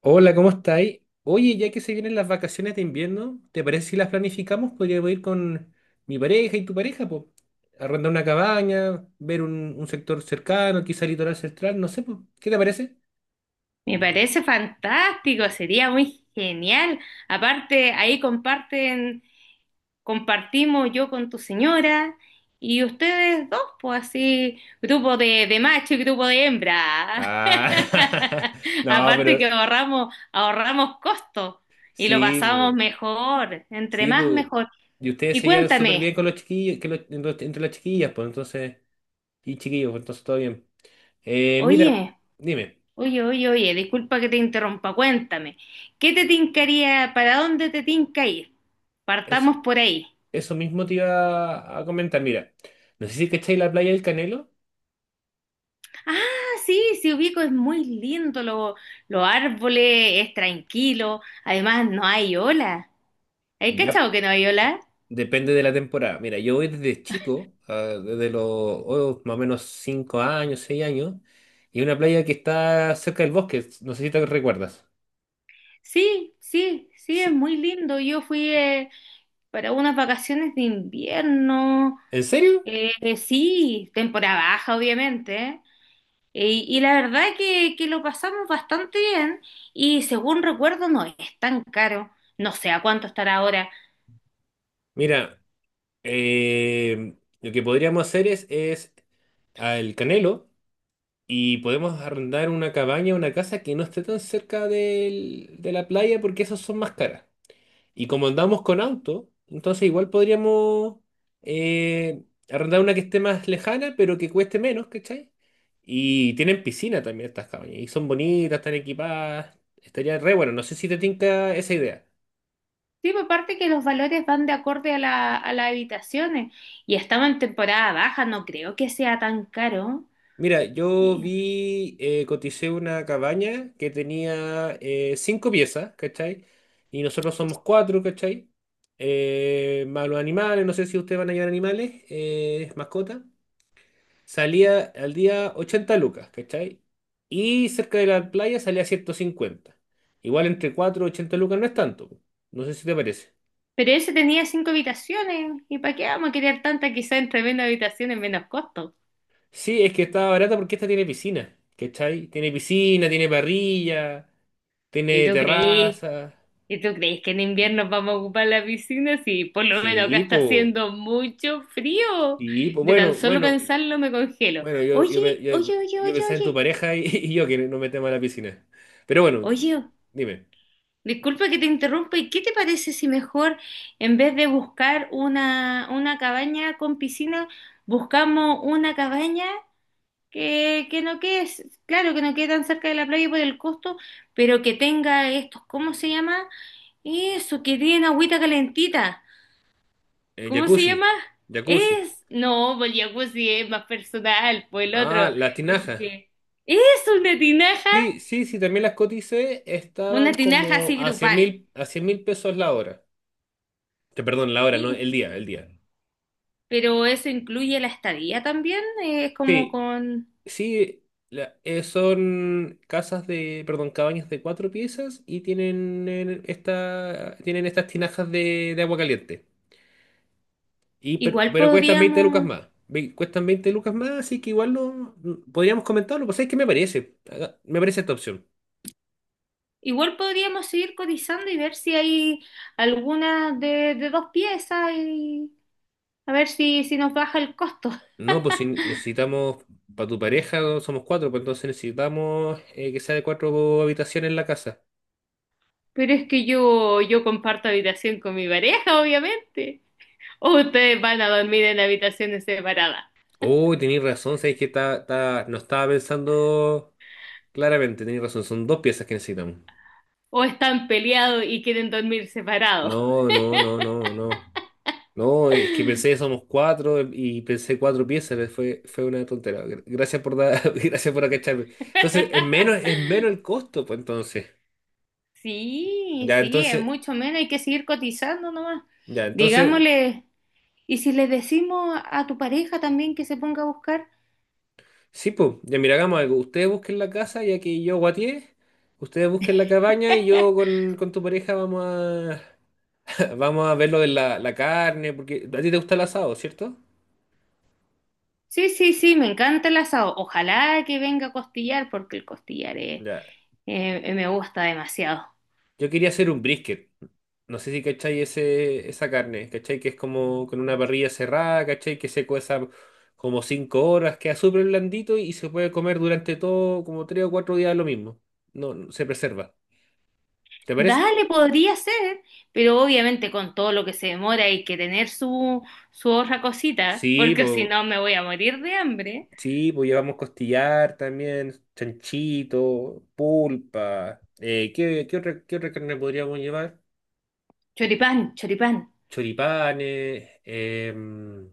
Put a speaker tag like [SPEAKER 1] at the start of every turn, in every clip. [SPEAKER 1] Hola, ¿cómo estáis? Oye, ya que se vienen las vacaciones de invierno, ¿te parece si las planificamos? Podríamos ir con mi pareja y tu pareja, pues, arrendar una cabaña, ver un sector cercano, quizá litoral central, no sé, pues, ¿qué te parece?
[SPEAKER 2] Me parece fantástico, sería muy genial. Aparte, ahí compartimos yo con tu señora y ustedes dos, pues así, grupo de macho y grupo de hembra.
[SPEAKER 1] Ah, no,
[SPEAKER 2] Aparte
[SPEAKER 1] pero
[SPEAKER 2] que ahorramos costos y lo
[SPEAKER 1] sí,
[SPEAKER 2] pasamos
[SPEAKER 1] po,
[SPEAKER 2] mejor, entre
[SPEAKER 1] sí,
[SPEAKER 2] más
[SPEAKER 1] po.
[SPEAKER 2] mejor.
[SPEAKER 1] Y ustedes
[SPEAKER 2] Y
[SPEAKER 1] se llevan súper bien
[SPEAKER 2] cuéntame,
[SPEAKER 1] con los chiquillos, que entre las chiquillas, pues entonces, y chiquillos, pues, entonces todo bien. Mira,
[SPEAKER 2] oye,
[SPEAKER 1] dime,
[SPEAKER 2] oye, oye, oye, disculpa que te interrumpa, cuéntame, ¿qué te tincaría? ¿Para dónde te tinca ir?
[SPEAKER 1] es.
[SPEAKER 2] Partamos por ahí.
[SPEAKER 1] Eso mismo te iba a comentar. Mira, no sé si cacháis la playa del Canelo.
[SPEAKER 2] Ah, sí, sí ubico, es muy lindo, los árboles, es tranquilo, además no hay ola. ¿Hay
[SPEAKER 1] Ya.
[SPEAKER 2] cachado que no hay ola?
[SPEAKER 1] Depende de la temporada. Mira, yo voy desde chico, desde los más o menos 5 años, 6 años, y una playa que está cerca del bosque. No sé si te recuerdas.
[SPEAKER 2] Sí, sí, sí, es
[SPEAKER 1] Sí.
[SPEAKER 2] muy lindo. Yo fui para unas vacaciones de invierno,
[SPEAKER 1] ¿En serio?
[SPEAKER 2] sí, temporada baja, obviamente, ¿eh? Y la verdad que lo pasamos bastante bien y según recuerdo no es tan caro. No sé a cuánto estará ahora.
[SPEAKER 1] Mira, eh, lo que podríamos hacer es al Canelo y podemos arrendar una cabaña, una casa que no esté tan cerca de la playa porque esas son más caras. Y como andamos con auto, entonces igual podríamos eh, arrendar una que esté más lejana, pero que cueste menos, ¿cachai? Y tienen piscina también estas cabañas. Y son bonitas, están equipadas. Estaría re bueno. No sé si te tinca esa idea.
[SPEAKER 2] Sí, pues aparte que los valores van de acorde a a las habitaciones y estaba en temporada baja, no creo que sea tan caro.
[SPEAKER 1] Mira, yo
[SPEAKER 2] Y-
[SPEAKER 1] vi, coticé una cabaña que tenía cinco piezas, ¿cachai? Y nosotros somos cuatro, ¿cachai? Más los animales, no sé si ustedes van a llevar animales, mascotas. Salía al día 80 lucas, ¿cachai? Y cerca de la playa salía 150. Igual entre 4 y 80 lucas no es tanto. No sé si te parece.
[SPEAKER 2] Pero ese tenía cinco habitaciones. ¿Y para qué vamos a querer tanta? Quizá entre menos habitaciones, menos costo.
[SPEAKER 1] Sí, es que está barata porque esta tiene piscina, ¿cachai? Tiene piscina, tiene parrilla,
[SPEAKER 2] ¿Y
[SPEAKER 1] tiene
[SPEAKER 2] tú crees?
[SPEAKER 1] terraza.
[SPEAKER 2] ¿Y tú crees que en invierno vamos a ocupar la piscina? Sí, por lo menos acá
[SPEAKER 1] Sí,
[SPEAKER 2] está
[SPEAKER 1] pues,
[SPEAKER 2] haciendo mucho frío.
[SPEAKER 1] sí, po.
[SPEAKER 2] De tan
[SPEAKER 1] Bueno,
[SPEAKER 2] solo
[SPEAKER 1] bueno,
[SPEAKER 2] pensarlo me congelo.
[SPEAKER 1] bueno, yo,
[SPEAKER 2] Oye,
[SPEAKER 1] yo, pe- yo,
[SPEAKER 2] oye, oye,
[SPEAKER 1] yo
[SPEAKER 2] oye,
[SPEAKER 1] pensaba en tu
[SPEAKER 2] oye.
[SPEAKER 1] pareja y, y yo que no me tema a la piscina. Pero bueno,
[SPEAKER 2] Oye,
[SPEAKER 1] dime,
[SPEAKER 2] disculpa que te interrumpa, ¿y qué te parece si mejor, en vez de buscar una cabaña con piscina, buscamos una cabaña que no quede, claro, que no quede tan cerca de la playa por el costo, pero que tenga estos, ¿cómo se llama? Eso, que tiene agüita calentita. ¿Cómo se
[SPEAKER 1] jacuzzi,
[SPEAKER 2] llama?
[SPEAKER 1] jacuzzi.
[SPEAKER 2] No, pues el jacuzzi es más personal, pues el
[SPEAKER 1] Ah,
[SPEAKER 2] otro,
[SPEAKER 1] las
[SPEAKER 2] el
[SPEAKER 1] tinajas.
[SPEAKER 2] que es una tinaja,
[SPEAKER 1] Sí, sí, sí, también las coticé,
[SPEAKER 2] una
[SPEAKER 1] estaban
[SPEAKER 2] tinaja
[SPEAKER 1] como
[SPEAKER 2] así
[SPEAKER 1] a cien
[SPEAKER 2] grupal.
[SPEAKER 1] mil, a 100.000 pesos la hora. Te perdón, la hora, no,
[SPEAKER 2] Y,
[SPEAKER 1] el día.
[SPEAKER 2] Pero eso incluye la estadía también, es como
[SPEAKER 1] Sí,
[SPEAKER 2] con.
[SPEAKER 1] sí, son casas de, perdón, cabañas de cuatro piezas y tienen tienen estas tinajas de agua caliente. Y, per-
[SPEAKER 2] Igual
[SPEAKER 1] pero, cuestan 20 lucas
[SPEAKER 2] podríamos,
[SPEAKER 1] más. Cuestan 20 lucas más, así que igual no, podríamos comentarlo, pues es que me parece, me parece esta opción.
[SPEAKER 2] igual podríamos seguir cotizando y ver si hay alguna de dos piezas y a ver si nos baja el costo.
[SPEAKER 1] No, pues si necesitamos, para tu pareja somos cuatro, pues entonces necesitamos que sea de cuatro habitaciones en la casa.
[SPEAKER 2] Pero es que yo comparto habitación con mi pareja, obviamente. O ustedes van a dormir en habitaciones separadas.
[SPEAKER 1] Oh, tenéis razón, sabéis que no estaba pensando claramente, tenéis razón, son dos piezas que necesitamos.
[SPEAKER 2] O están peleados y quieren dormir separados.
[SPEAKER 1] No, no, no, no, no. No, es que pensé que somos cuatro y pensé cuatro piezas, fue una tontera. Gracias por dar, gracias por acacharme. Entonces, es menos, es menos el costo, pues entonces.
[SPEAKER 2] Sí,
[SPEAKER 1] Ya,
[SPEAKER 2] sí, es
[SPEAKER 1] entonces,
[SPEAKER 2] mucho menos, hay que seguir cotizando nomás.
[SPEAKER 1] ya, entonces.
[SPEAKER 2] Digámosle. Y si le decimos a tu pareja también que se ponga a buscar.
[SPEAKER 1] Sí, pues, ya mira, hagamos algo. Ustedes busquen la casa, ya que yo guateé. Ustedes busquen la cabaña y yo con tu pareja vamos a, vamos a ver lo de la carne, porque a ti te gusta el asado, ¿cierto?
[SPEAKER 2] Sí, sí, sí, me encanta el asado. Ojalá que venga a costillar, porque el costillar
[SPEAKER 1] Ya.
[SPEAKER 2] me gusta demasiado.
[SPEAKER 1] Yo quería hacer un brisket. No sé si cachai esa carne, cachai que es como con una parrilla cerrada, cachai que se cueza como 5 horas, queda súper blandito y se puede comer durante todo como 3 o 4 días lo mismo. No, se preserva. ¿Te parece?
[SPEAKER 2] Dale, podría ser, pero obviamente con todo lo que se demora hay que tener su otra cosita,
[SPEAKER 1] Sí,
[SPEAKER 2] porque si
[SPEAKER 1] pues.
[SPEAKER 2] no me voy a morir de hambre.
[SPEAKER 1] Sí, pues llevamos costillar también, chanchito, pulpa. ¿Qué otra carne podríamos llevar?
[SPEAKER 2] Choripán, choripán.
[SPEAKER 1] Choripanes.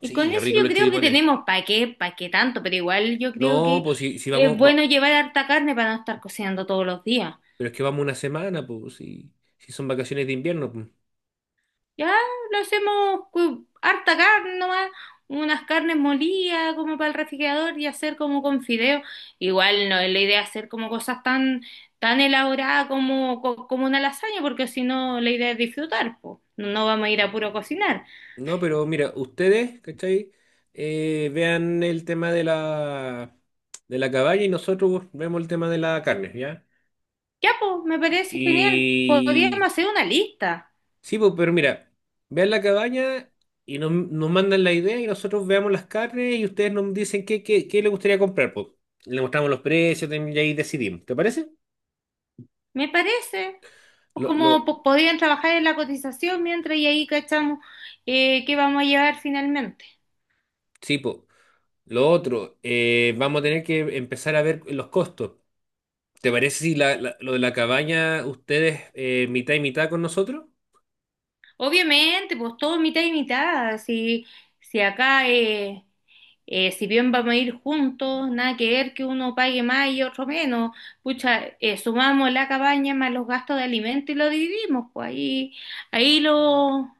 [SPEAKER 2] Y
[SPEAKER 1] Sí,
[SPEAKER 2] con
[SPEAKER 1] qué
[SPEAKER 2] eso
[SPEAKER 1] rico
[SPEAKER 2] yo
[SPEAKER 1] los
[SPEAKER 2] creo que
[SPEAKER 1] choripanes.
[SPEAKER 2] tenemos. ¿Para qué? ¿Para qué tanto? Pero igual yo creo
[SPEAKER 1] No,
[SPEAKER 2] que
[SPEAKER 1] pues si,
[SPEAKER 2] es bueno llevar harta carne para no estar cocinando todos los días.
[SPEAKER 1] pero es que vamos una semana, pues si son vacaciones de invierno. Pues.
[SPEAKER 2] Ya lo hacemos con harta carne nomás, unas carnes molidas como para el refrigerador y hacer como con fideo. Igual no es la idea hacer como cosas tan, tan elaboradas como una lasaña, porque si no la idea es disfrutar, po. No, no vamos a ir a puro cocinar.
[SPEAKER 1] No, pero mira, ustedes, ¿cachai? Vean el tema de la caballa y nosotros vemos el tema de la carne, ¿ya?
[SPEAKER 2] Ya, pues, me parece genial. Podríamos
[SPEAKER 1] Y,
[SPEAKER 2] hacer una lista,
[SPEAKER 1] Sí, pues, pero mira, vean la cabaña y nos mandan la idea y nosotros veamos las carnes y ustedes nos dicen qué les gustaría comprar, pues. Le mostramos los precios también y ahí decidimos, ¿te parece?
[SPEAKER 2] me parece. Pues
[SPEAKER 1] Lo,
[SPEAKER 2] como
[SPEAKER 1] lo,
[SPEAKER 2] pues, podrían trabajar en la cotización mientras y ahí cachamos qué vamos a llevar finalmente.
[SPEAKER 1] sí, pues. Lo otro, vamos a tener que empezar a ver los costos. ¿Te parece si lo de la cabaña ustedes mitad y mitad con nosotros?
[SPEAKER 2] Obviamente, pues todo mitad y mitad. Si, si acá, si bien vamos a ir juntos, nada que ver que uno pague más y otro menos. Pucha, sumamos la cabaña más los gastos de alimento y lo dividimos, pues ahí lo,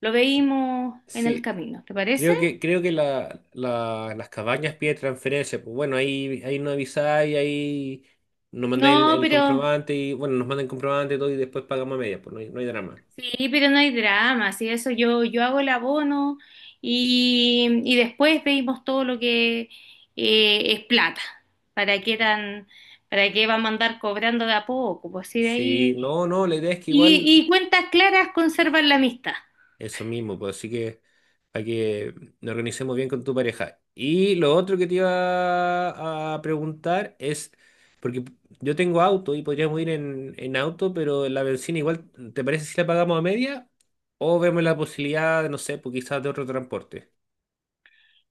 [SPEAKER 2] lo veímos en el
[SPEAKER 1] Sí.
[SPEAKER 2] camino, ¿te parece?
[SPEAKER 1] Creo que las cabañas piden transferencia. Pues bueno, ahí no avisáis, ahí nos mandáis el,
[SPEAKER 2] No,
[SPEAKER 1] el
[SPEAKER 2] pero
[SPEAKER 1] comprobante y bueno, nos mandan el comprobante y todo y después pagamos a medias, pues no hay drama.
[SPEAKER 2] Sí, pero no hay drama, sí, eso yo hago el abono y después pedimos todo lo que es plata. ¿Para qué tan, para qué vamos a andar cobrando de a poco? Pues sí, de
[SPEAKER 1] Sí,
[SPEAKER 2] ahí.
[SPEAKER 1] no, no, la idea es que igual.
[SPEAKER 2] Y cuentas claras conservan la amistad.
[SPEAKER 1] Eso mismo, pues así que para que nos organicemos bien con tu pareja. Y lo otro que te iba a preguntar es, porque yo tengo auto y podríamos ir en auto, pero la bencina igual, ¿te parece si la pagamos a media? ¿O vemos la posibilidad, de, no sé, pues quizás de otro transporte?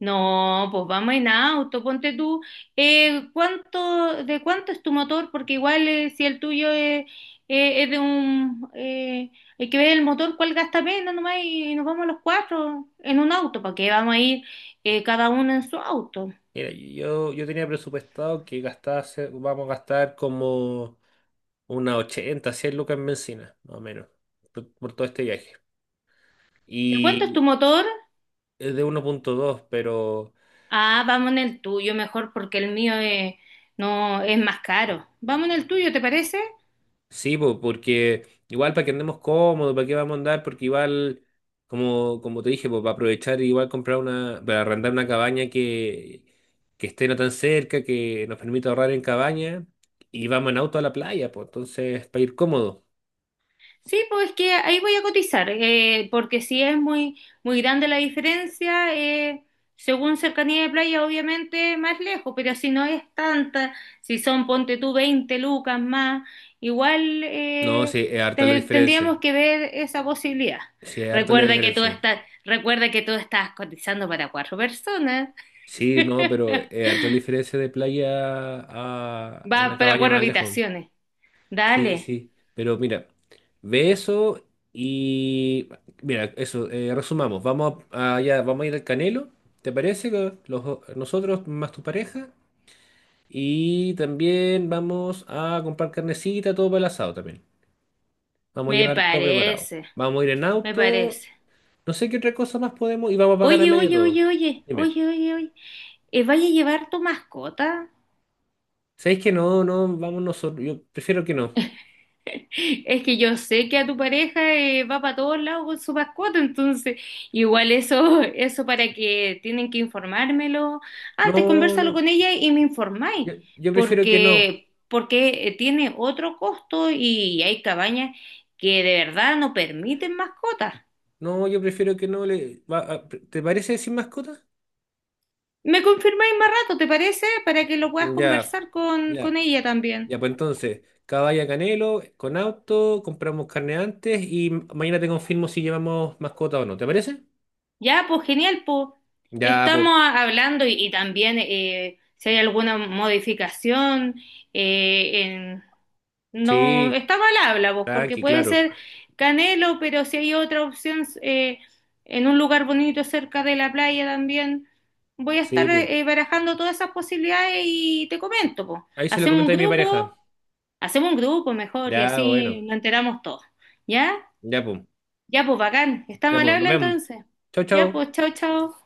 [SPEAKER 2] No, pues vamos en auto, ponte tú, ¿ de cuánto es tu motor? Porque igual si el tuyo es, eh, es de un, eh, hay que ver el motor cuál gasta menos nomás y nos vamos los cuatro en un auto. ¿Para qué vamos a ir cada uno en su auto?
[SPEAKER 1] Mira, yo tenía presupuestado que gastase, vamos a gastar como unas 80 100 lucas en bencina, más o menos, por todo este viaje.
[SPEAKER 2] ¿De cuánto es
[SPEAKER 1] Y
[SPEAKER 2] tu motor?
[SPEAKER 1] es de 1.2 pero...
[SPEAKER 2] Ah, vamos en el tuyo mejor porque no, es más caro. Vamos en el tuyo, ¿te parece?
[SPEAKER 1] Sí, po, porque igual para que andemos cómodos, para qué vamos a andar, porque igual, como te dije, pues para aprovechar, igual para arrendar una cabaña que esté no tan cerca, que nos permita ahorrar en cabaña, y vamos en auto a la playa, pues entonces para ir cómodo.
[SPEAKER 2] Sí, pues es que ahí voy a cotizar, porque si es muy, muy grande la diferencia, según cercanía de playa, obviamente más lejos, pero si no es tanta, si son, ponte tú, veinte lucas más, igual
[SPEAKER 1] No, sí, es harta la diferencia.
[SPEAKER 2] tendríamos que ver esa posibilidad.
[SPEAKER 1] Sí, es harta la
[SPEAKER 2] Recuerda que tú
[SPEAKER 1] diferencia.
[SPEAKER 2] estás, recuerda que tú estás cotizando para cuatro personas,
[SPEAKER 1] Sí, no, pero es harta la diferencia de playa a una
[SPEAKER 2] va para
[SPEAKER 1] cabaña
[SPEAKER 2] cuatro
[SPEAKER 1] más lejos.
[SPEAKER 2] habitaciones.
[SPEAKER 1] Sí,
[SPEAKER 2] Dale,
[SPEAKER 1] sí, pero mira, ve eso y mira, eso, resumamos, ya, vamos a ir al Canelo, ¿te parece? Nosotros más tu pareja y también vamos a comprar carnecita, todo para el asado también. Vamos a
[SPEAKER 2] me
[SPEAKER 1] llevar todo preparado.
[SPEAKER 2] parece,
[SPEAKER 1] Vamos a ir en
[SPEAKER 2] me
[SPEAKER 1] auto,
[SPEAKER 2] parece.
[SPEAKER 1] no sé qué otra cosa más podemos y vamos a pagar a
[SPEAKER 2] Oye,
[SPEAKER 1] media
[SPEAKER 2] oye,
[SPEAKER 1] todo.
[SPEAKER 2] oye, oye,
[SPEAKER 1] Dime,
[SPEAKER 2] oye, oye, oye. ¿vaya a llevar tu mascota?
[SPEAKER 1] ¿sabéis que no, no, vamos nosotros? Yo prefiero que no.
[SPEAKER 2] Es que yo sé que a tu pareja va para todos lados con su mascota, entonces igual eso, eso para que tienen que informármelo. Antes
[SPEAKER 1] No,
[SPEAKER 2] conversalo
[SPEAKER 1] no,
[SPEAKER 2] con ella y me informáis,
[SPEAKER 1] yo prefiero que no.
[SPEAKER 2] porque, porque tiene otro costo y hay cabañas que de verdad no permiten mascotas.
[SPEAKER 1] No, yo prefiero que no le. ¿Te parece sin mascota?
[SPEAKER 2] ¿Me confirmáis más rato, te parece? Para que lo puedas
[SPEAKER 1] Ya,
[SPEAKER 2] conversar
[SPEAKER 1] ya,
[SPEAKER 2] con, ella también.
[SPEAKER 1] ya, pues entonces, caballa Canelo, con auto, compramos carne antes y mañana te confirmo si llevamos mascota o no, ¿te parece?
[SPEAKER 2] Ya, pues genial, pues
[SPEAKER 1] Ya, pues,
[SPEAKER 2] estamos hablando y también si hay alguna modificación, eh, en- no
[SPEAKER 1] sí,
[SPEAKER 2] está mal habla, pues, porque
[SPEAKER 1] tranqui,
[SPEAKER 2] puede
[SPEAKER 1] claro.
[SPEAKER 2] ser Canelo, pero si hay otra opción en un lugar bonito cerca de la playa también, voy a
[SPEAKER 1] Sí,
[SPEAKER 2] estar
[SPEAKER 1] pues.
[SPEAKER 2] barajando todas esas posibilidades y te comento, pues.
[SPEAKER 1] Ahí se lo
[SPEAKER 2] Hacemos un
[SPEAKER 1] comenté a mi pareja.
[SPEAKER 2] grupo, hacemos un grupo mejor y
[SPEAKER 1] Ya, bueno.
[SPEAKER 2] así nos enteramos todos, ¿ya?
[SPEAKER 1] Ya, pues.
[SPEAKER 2] Ya, pues bacán, está
[SPEAKER 1] Ya,
[SPEAKER 2] mal
[SPEAKER 1] pues, nos
[SPEAKER 2] habla
[SPEAKER 1] vemos.
[SPEAKER 2] entonces.
[SPEAKER 1] Chao,
[SPEAKER 2] Ya,
[SPEAKER 1] chao.
[SPEAKER 2] pues chao, chao.